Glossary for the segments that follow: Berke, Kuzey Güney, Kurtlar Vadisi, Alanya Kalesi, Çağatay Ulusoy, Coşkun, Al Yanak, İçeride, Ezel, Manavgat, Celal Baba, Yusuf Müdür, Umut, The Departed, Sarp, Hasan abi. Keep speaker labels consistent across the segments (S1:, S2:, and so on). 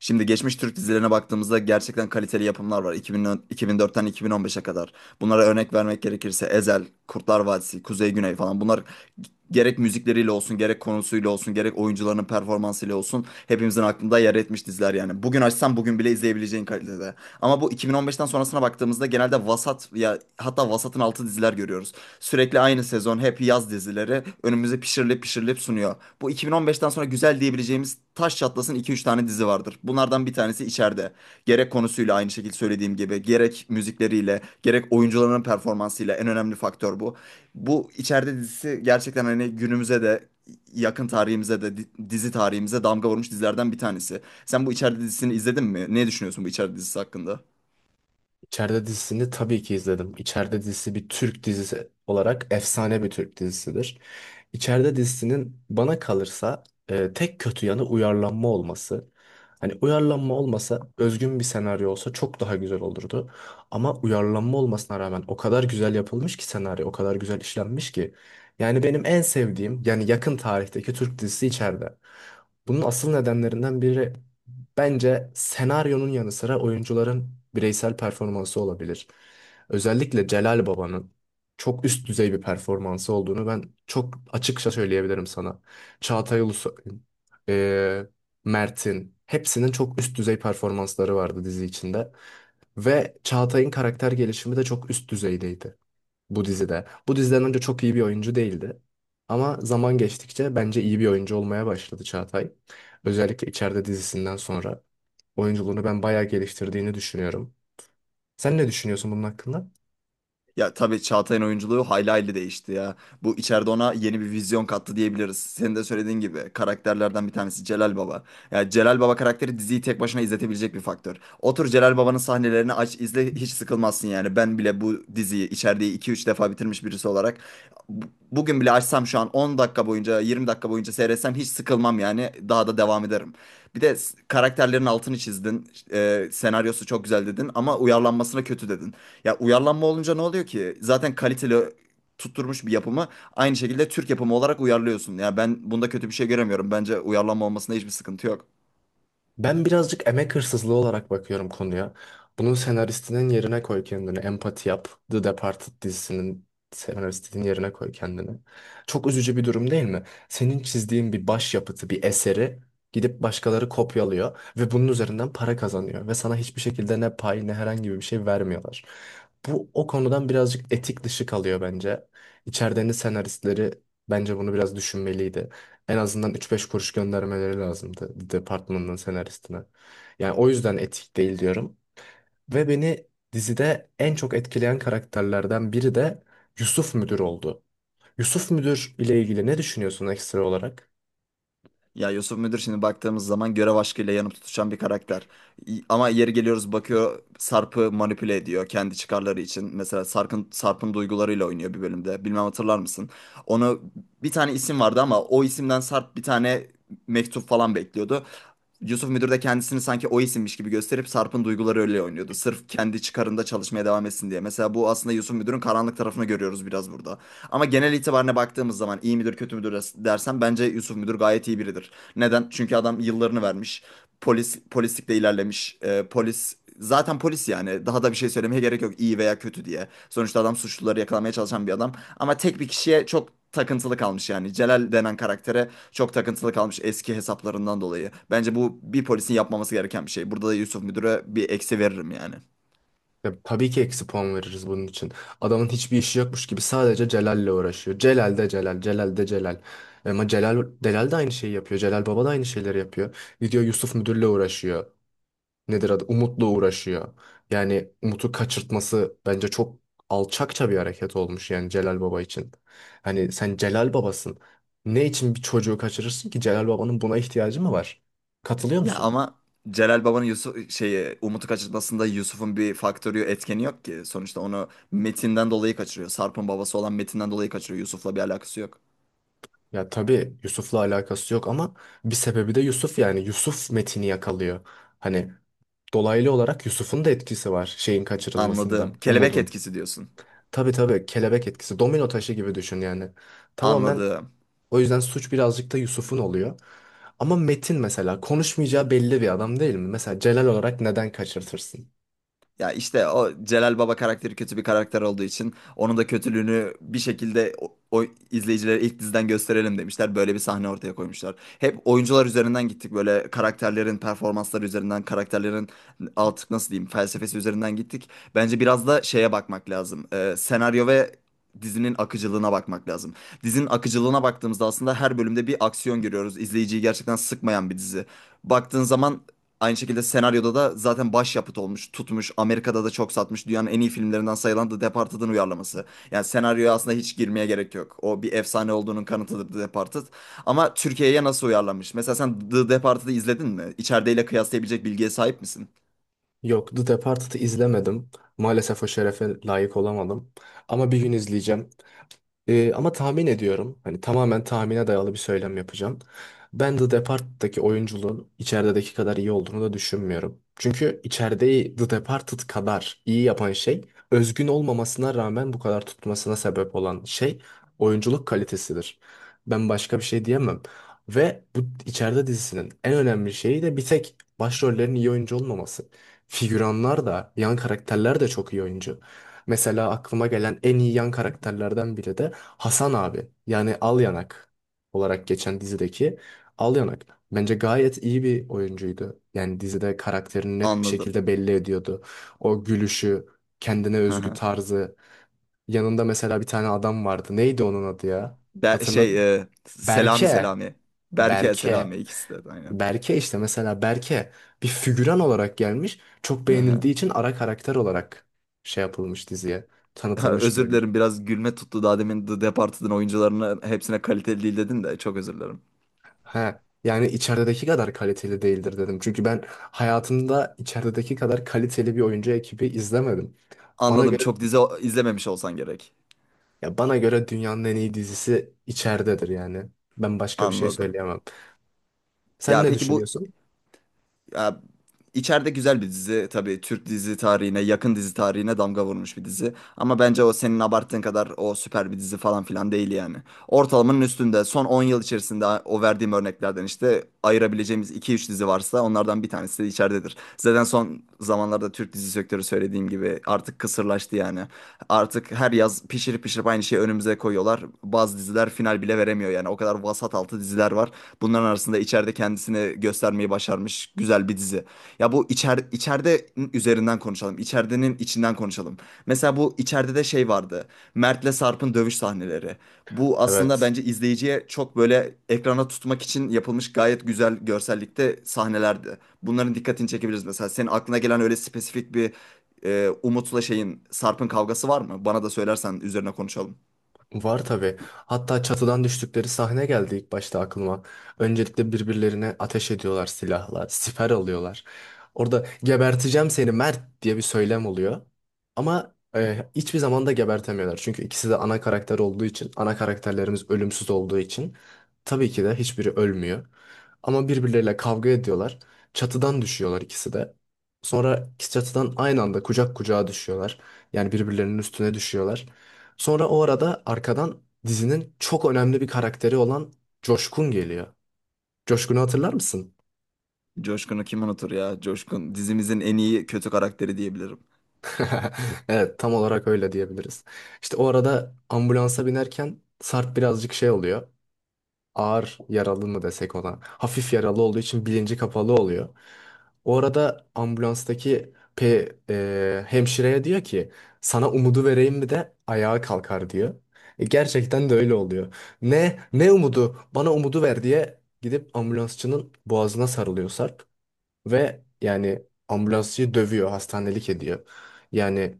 S1: Şimdi geçmiş Türk dizilerine baktığımızda gerçekten kaliteli yapımlar var. 2000, 2004'ten 2015'e kadar. Bunlara örnek vermek gerekirse Ezel, Kurtlar Vadisi, Kuzey Güney falan. Bunlar gerek müzikleriyle olsun, gerek konusuyla olsun, gerek oyuncularının performansıyla olsun hepimizin aklında yer etmiş diziler yani. Bugün açsan bugün bile izleyebileceğin kalitede. Ama bu 2015'ten sonrasına baktığımızda genelde vasat ya hatta vasatın altı diziler görüyoruz. Sürekli aynı sezon hep yaz dizileri önümüze pişirilip pişirilip sunuyor. Bu 2015'ten sonra güzel diyebileceğimiz taş çatlasın 2-3 tane dizi vardır. Bunlardan bir tanesi içeride. Gerek konusuyla aynı şekilde söylediğim gibi, gerek müzikleriyle, gerek oyuncuların performansıyla en önemli faktör bu. Bu içeride dizisi gerçekten hani günümüze de yakın tarihimize de dizi tarihimize damga vurmuş dizilerden bir tanesi. Sen bu içeride dizisini izledin mi? Ne düşünüyorsun bu içeride dizisi hakkında?
S2: İçeride dizisini tabii ki izledim. İçeride dizisi bir Türk dizisi olarak efsane bir Türk dizisidir. İçeride dizisinin bana kalırsa tek kötü yanı uyarlanma olması. Hani uyarlanma olmasa özgün bir senaryo olsa çok daha güzel olurdu. Ama uyarlanma olmasına rağmen o kadar güzel yapılmış ki senaryo, o kadar güzel işlenmiş ki. Yani benim en sevdiğim yani yakın tarihteki Türk dizisi içeride. Bunun asıl nedenlerinden biri bence senaryonun yanı sıra oyuncuların bireysel performansı olabilir. Özellikle Celal Baba'nın çok üst düzey bir performansı olduğunu ben çok açıkça söyleyebilirim sana. Çağatay Ulusoy, e, Mert'in hepsinin çok üst düzey performansları vardı dizi içinde. Ve Çağatay'ın karakter gelişimi de çok üst düzeydeydi bu dizide. Bu diziden önce çok iyi bir oyuncu değildi. Ama zaman geçtikçe bence iyi bir oyuncu olmaya başladı Çağatay. Özellikle içeride dizisinden sonra oyunculuğunu ben bayağı geliştirdiğini düşünüyorum. Sen ne düşünüyorsun bunun hakkında?
S1: Ya tabii Çağatay'ın oyunculuğu hayli hayli değişti ya. Bu içeride ona yeni bir vizyon kattı diyebiliriz. Senin de söylediğin gibi karakterlerden bir tanesi Celal Baba. Ya Celal Baba karakteri diziyi tek başına izletebilecek bir faktör. Otur Celal Baba'nın sahnelerini aç izle hiç sıkılmazsın yani. Ben bile bu diziyi içeride iki üç defa bitirmiş birisi olarak bu- bugün bile açsam şu an 10 dakika boyunca 20 dakika boyunca seyretsem hiç sıkılmam yani. Daha da devam ederim. Bir de karakterlerin altını çizdin. Senaryosu çok güzel dedin ama uyarlanmasına kötü dedin. Ya uyarlanma olunca ne oluyor ki? Zaten kaliteli tutturmuş bir yapımı aynı şekilde Türk yapımı olarak uyarlıyorsun. Ya ben bunda kötü bir şey göremiyorum. Bence uyarlanma olmasında hiçbir sıkıntı yok.
S2: Ben birazcık emek hırsızlığı olarak bakıyorum konuya. Bunun senaristinin yerine koy kendini. Empati yap. The Departed dizisinin senaristinin yerine koy kendini. Çok üzücü bir durum değil mi? Senin çizdiğin bir başyapıtı, bir eseri gidip başkaları kopyalıyor ve bunun üzerinden para kazanıyor ve sana hiçbir şekilde ne pay ne herhangi bir şey vermiyorlar. Bu o konudan birazcık etik dışı kalıyor bence. İçerideki senaristleri bence bunu biraz düşünmeliydi. En azından üç beş kuruş göndermeleri lazımdı departmanın senaristine. Yani o yüzden etik değil diyorum. Ve beni dizide en çok etkileyen karakterlerden biri de Yusuf Müdür oldu. Yusuf Müdür ile ilgili ne düşünüyorsun ekstra olarak?
S1: Ya Yusuf Müdür şimdi baktığımız zaman görev aşkıyla yanıp tutuşan bir karakter. Ama yeri geliyoruz bakıyor Sarp'ı manipüle ediyor kendi çıkarları için. Mesela Sarp'ın duygularıyla oynuyor bir bölümde. Bilmem hatırlar mısın? Onu bir tane isim vardı ama o isimden Sarp bir tane mektup falan bekliyordu. Yusuf Müdür de kendisini sanki o isimmiş gibi gösterip Sarp'ın duyguları öyle oynuyordu. Sırf kendi çıkarında çalışmaya devam etsin diye. Mesela bu aslında Yusuf Müdür'ün karanlık tarafını görüyoruz biraz burada. Ama genel itibarına baktığımız zaman iyi midir kötü müdür dersen bence Yusuf Müdür gayet iyi biridir. Neden? Çünkü adam yıllarını vermiş polislikle ilerlemiş. Polis zaten polis yani daha da bir şey söylemeye gerek yok iyi veya kötü diye. Sonuçta adam suçluları yakalamaya çalışan bir adam ama tek bir kişiye çok takıntılı kalmış yani. Celal denen karaktere çok takıntılı kalmış eski hesaplarından dolayı. Bence bu bir polisin yapmaması gereken bir şey. Burada da Yusuf Müdür'e bir eksi veririm yani.
S2: Ya, tabii ki eksi puan veririz bunun için. Adamın hiçbir işi yokmuş gibi sadece Celal'le uğraşıyor. Celal de Celal, Celal de Celal. Ama Celal, Delal de aynı şeyi yapıyor. Celal Baba da aynı şeyleri yapıyor. Gidiyor Yusuf Müdür'le uğraşıyor. Nedir adı, Umut'la uğraşıyor. Yani Umut'u kaçırtması bence çok alçakça bir hareket olmuş yani Celal Baba için. Hani sen Celal Babasın. Ne için bir çocuğu kaçırırsın ki, Celal Baba'nın buna ihtiyacı mı var? Katılıyor
S1: Ya
S2: musun?
S1: ama Celal Baba'nın Yusuf şeyi Umut'u kaçırmasında Yusuf'un bir faktörü etkeni yok ki. Sonuçta onu Metin'den dolayı kaçırıyor. Sarp'ın babası olan Metin'den dolayı kaçırıyor. Yusuf'la bir alakası yok.
S2: Ya tabii Yusuf'la alakası yok ama bir sebebi de Yusuf, yani Yusuf Metin'i yakalıyor. Hani dolaylı olarak Yusuf'un da etkisi var şeyin
S1: Anladım.
S2: kaçırılmasında,
S1: Kelebek
S2: Umud'un.
S1: etkisi diyorsun.
S2: Tabii tabii kelebek etkisi, domino taşı gibi düşün yani. Tamamen.
S1: Anladım.
S2: O yüzden suç birazcık da Yusuf'un oluyor. Ama Metin mesela konuşmayacağı belli bir adam değil mi? Mesela Celal olarak neden kaçırtırsın?
S1: Ya işte o Celal Baba karakteri kötü bir karakter olduğu için onun da kötülüğünü bir şekilde o izleyicilere ilk diziden gösterelim demişler. Böyle bir sahne ortaya koymuşlar. Hep oyuncular üzerinden gittik. Böyle karakterlerin performansları üzerinden, karakterlerin artık nasıl diyeyim felsefesi üzerinden gittik. Bence biraz da şeye bakmak lazım. Senaryo ve dizinin akıcılığına bakmak lazım. Dizinin akıcılığına baktığımızda aslında her bölümde bir aksiyon görüyoruz. İzleyiciyi gerçekten sıkmayan bir dizi. Baktığın zaman aynı şekilde senaryoda da zaten başyapıt olmuş, tutmuş. Amerika'da da çok satmış. Dünyanın en iyi filmlerinden sayılan The Departed'ın uyarlaması. Yani senaryoya aslında hiç girmeye gerek yok. O bir efsane olduğunun kanıtıdır The Departed. Ama Türkiye'ye nasıl uyarlanmış? Mesela sen The Departed'ı izledin mi? İçerideyle kıyaslayabilecek bilgiye sahip misin?
S2: Yok, The Departed'ı izlemedim. Maalesef o şerefe layık olamadım. Ama bir gün izleyeceğim. Ama tahmin ediyorum. Hani tamamen tahmine dayalı bir söylem yapacağım. Ben The Departed'daki oyunculuğun içerideki kadar iyi olduğunu da düşünmüyorum. Çünkü içerideyi The Departed kadar iyi yapan şey, özgün olmamasına rağmen bu kadar tutmasına sebep olan şey oyunculuk kalitesidir. Ben başka bir şey diyemem. Ve bu içeride dizisinin en önemli şeyi de bir tek başrollerin iyi oyuncu olmaması. Figüranlar da, yan karakterler de çok iyi oyuncu. Mesela aklıma gelen en iyi yan karakterlerden biri de Hasan abi. Yani Al Yanak olarak geçen dizideki Al Yanak. Bence gayet iyi bir oyuncuydu. Yani dizide karakterini net bir
S1: Anladım.
S2: şekilde belli ediyordu. O gülüşü, kendine
S1: Hı
S2: özgü
S1: hı.
S2: tarzı. Yanında mesela bir tane adam vardı. Neydi onun adı ya? Hatırladın mı?
S1: Şey, Selami
S2: Berke.
S1: Selami. Berke Selami
S2: Berke.
S1: ikisi de aynen.
S2: Berke işte, mesela Berke, bir figüran olarak gelmiş. Çok
S1: Hı hı.
S2: beğenildiği için ara karakter olarak şey yapılmış, diziye
S1: Ha,
S2: tanıtılmış bir
S1: özür
S2: oyuncu.
S1: dilerim biraz gülme tuttu daha demin The Departed'ın oyuncularını hepsine kaliteli değil dedin de çok özür dilerim.
S2: He. Yani içerideki kadar kaliteli değildir dedim. Çünkü ben hayatımda içerideki kadar kaliteli bir oyuncu ekibi izlemedim. Bana
S1: Anladım.
S2: göre,
S1: Çok dizi izlememiş olsan gerek.
S2: ya bana göre dünyanın en iyi dizisi içeridedir yani. Ben başka bir şey
S1: Anladım.
S2: söyleyemem. Sen
S1: Ya
S2: ne
S1: peki bu
S2: düşünüyorsun?
S1: ya, içeride güzel bir dizi tabii Türk dizi tarihine yakın dizi tarihine damga vurmuş bir dizi. Ama bence o senin abarttığın kadar o süper bir dizi falan filan değil yani. Ortalamanın üstünde son 10 yıl içerisinde o verdiğim örneklerden işte ayırabileceğimiz iki üç dizi varsa onlardan bir tanesi de içeridedir. Zaten son zamanlarda Türk dizi sektörü söylediğim gibi artık kısırlaştı yani. Artık her yaz pişirip pişirip aynı şeyi önümüze koyuyorlar. Bazı diziler final bile veremiyor yani o kadar vasat altı diziler var. Bunların arasında içeride kendisini göstermeyi başarmış güzel bir dizi. Ya bu içeride üzerinden konuşalım. İçeridenin içinden konuşalım. Mesela bu içeride de şey vardı. Mert'le Sarp'ın dövüş sahneleri. Bu aslında
S2: Evet.
S1: bence izleyiciye çok böyle ekrana tutmak için yapılmış gayet güzel görsellikte sahnelerdi. Bunların dikkatini çekebiliriz mesela. Senin aklına gelen öyle spesifik bir Umut'la şeyin Sarp'ın kavgası var mı? Bana da söylersen üzerine konuşalım.
S2: Var tabii. Hatta çatıdan düştükleri sahne geldi ilk başta aklıma. Öncelikle birbirlerine ateş ediyorlar silahla, siper alıyorlar. Orada geberteceğim seni Mert diye bir söylem oluyor. Ama hiçbir zaman da gebertemiyorlar. Çünkü ikisi de ana karakter olduğu için, ana karakterlerimiz ölümsüz olduğu için tabii ki de hiçbiri ölmüyor. Ama birbirleriyle kavga ediyorlar. Çatıdan düşüyorlar ikisi de. Sonra çatıdan aynı anda kucak kucağa düşüyorlar. Yani birbirlerinin üstüne düşüyorlar. Sonra o arada arkadan dizinin çok önemli bir karakteri olan Coşkun geliyor. Coşkun'u hatırlar mısın?
S1: Coşkun'u kim unutur ya? Coşkun dizimizin en iyi kötü karakteri diyebilirim.
S2: Evet, tam olarak öyle diyebiliriz. İşte o arada ambulansa binerken Sarp birazcık şey oluyor, ağır yaralı mı desek ona. Hafif yaralı olduğu için bilinci kapalı oluyor. O arada ambulanstaki hemşireye diyor ki sana umudu vereyim mi de ayağa kalkar diyor. Gerçekten de öyle oluyor. Ne ne umudu? Bana umudu ver diye gidip ambulansçının boğazına sarılıyor Sarp ve yani ambulansçıyı dövüyor, hastanelik ediyor. Yani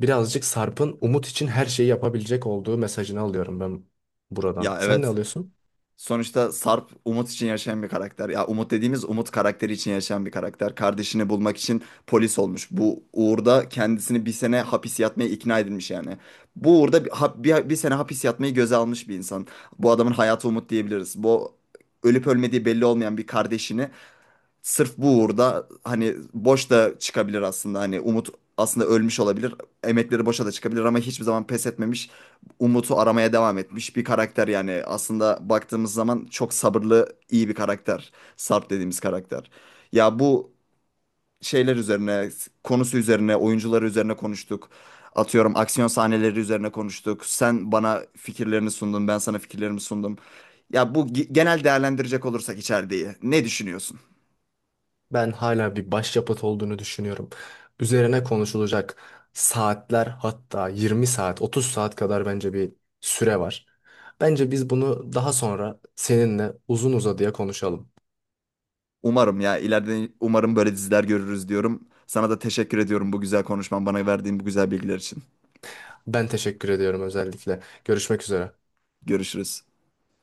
S2: birazcık Sarp'ın umut için her şeyi yapabilecek olduğu mesajını alıyorum ben buradan.
S1: Ya
S2: Sen ne
S1: evet.
S2: alıyorsun?
S1: Sonuçta Sarp Umut için yaşayan bir karakter. Ya Umut dediğimiz Umut karakteri için yaşayan bir karakter. Kardeşini bulmak için polis olmuş. Bu uğurda kendisini bir sene hapis yatmaya ikna edilmiş yani. Bu uğurda bir sene hapis yatmayı göze almış bir insan. Bu adamın hayatı Umut diyebiliriz. Bu ölüp ölmediği belli olmayan bir kardeşini sırf bu uğurda hani boş da çıkabilir aslında. Hani Umut aslında ölmüş olabilir. Emekleri boşa da çıkabilir ama hiçbir zaman pes etmemiş. Umut'u aramaya devam etmiş bir karakter yani. Aslında baktığımız zaman çok sabırlı, iyi bir karakter. Sarp dediğimiz karakter. Ya bu şeyler üzerine, konusu üzerine, oyuncuları üzerine konuştuk. Atıyorum aksiyon sahneleri üzerine konuştuk. Sen bana fikirlerini sundun, ben sana fikirlerimi sundum. Ya bu genel değerlendirecek olursak içeriği ne düşünüyorsun?
S2: Ben hala bir başyapıt olduğunu düşünüyorum. Üzerine konuşulacak saatler, hatta 20 saat, 30 saat kadar bence bir süre var. Bence biz bunu daha sonra seninle uzun uzadıya konuşalım.
S1: Umarım ya ileride umarım böyle diziler görürüz diyorum. Sana da teşekkür ediyorum bu güzel konuşman, bana verdiğin bu güzel bilgiler için.
S2: Ben teşekkür ediyorum özellikle. Görüşmek üzere.
S1: Görüşürüz.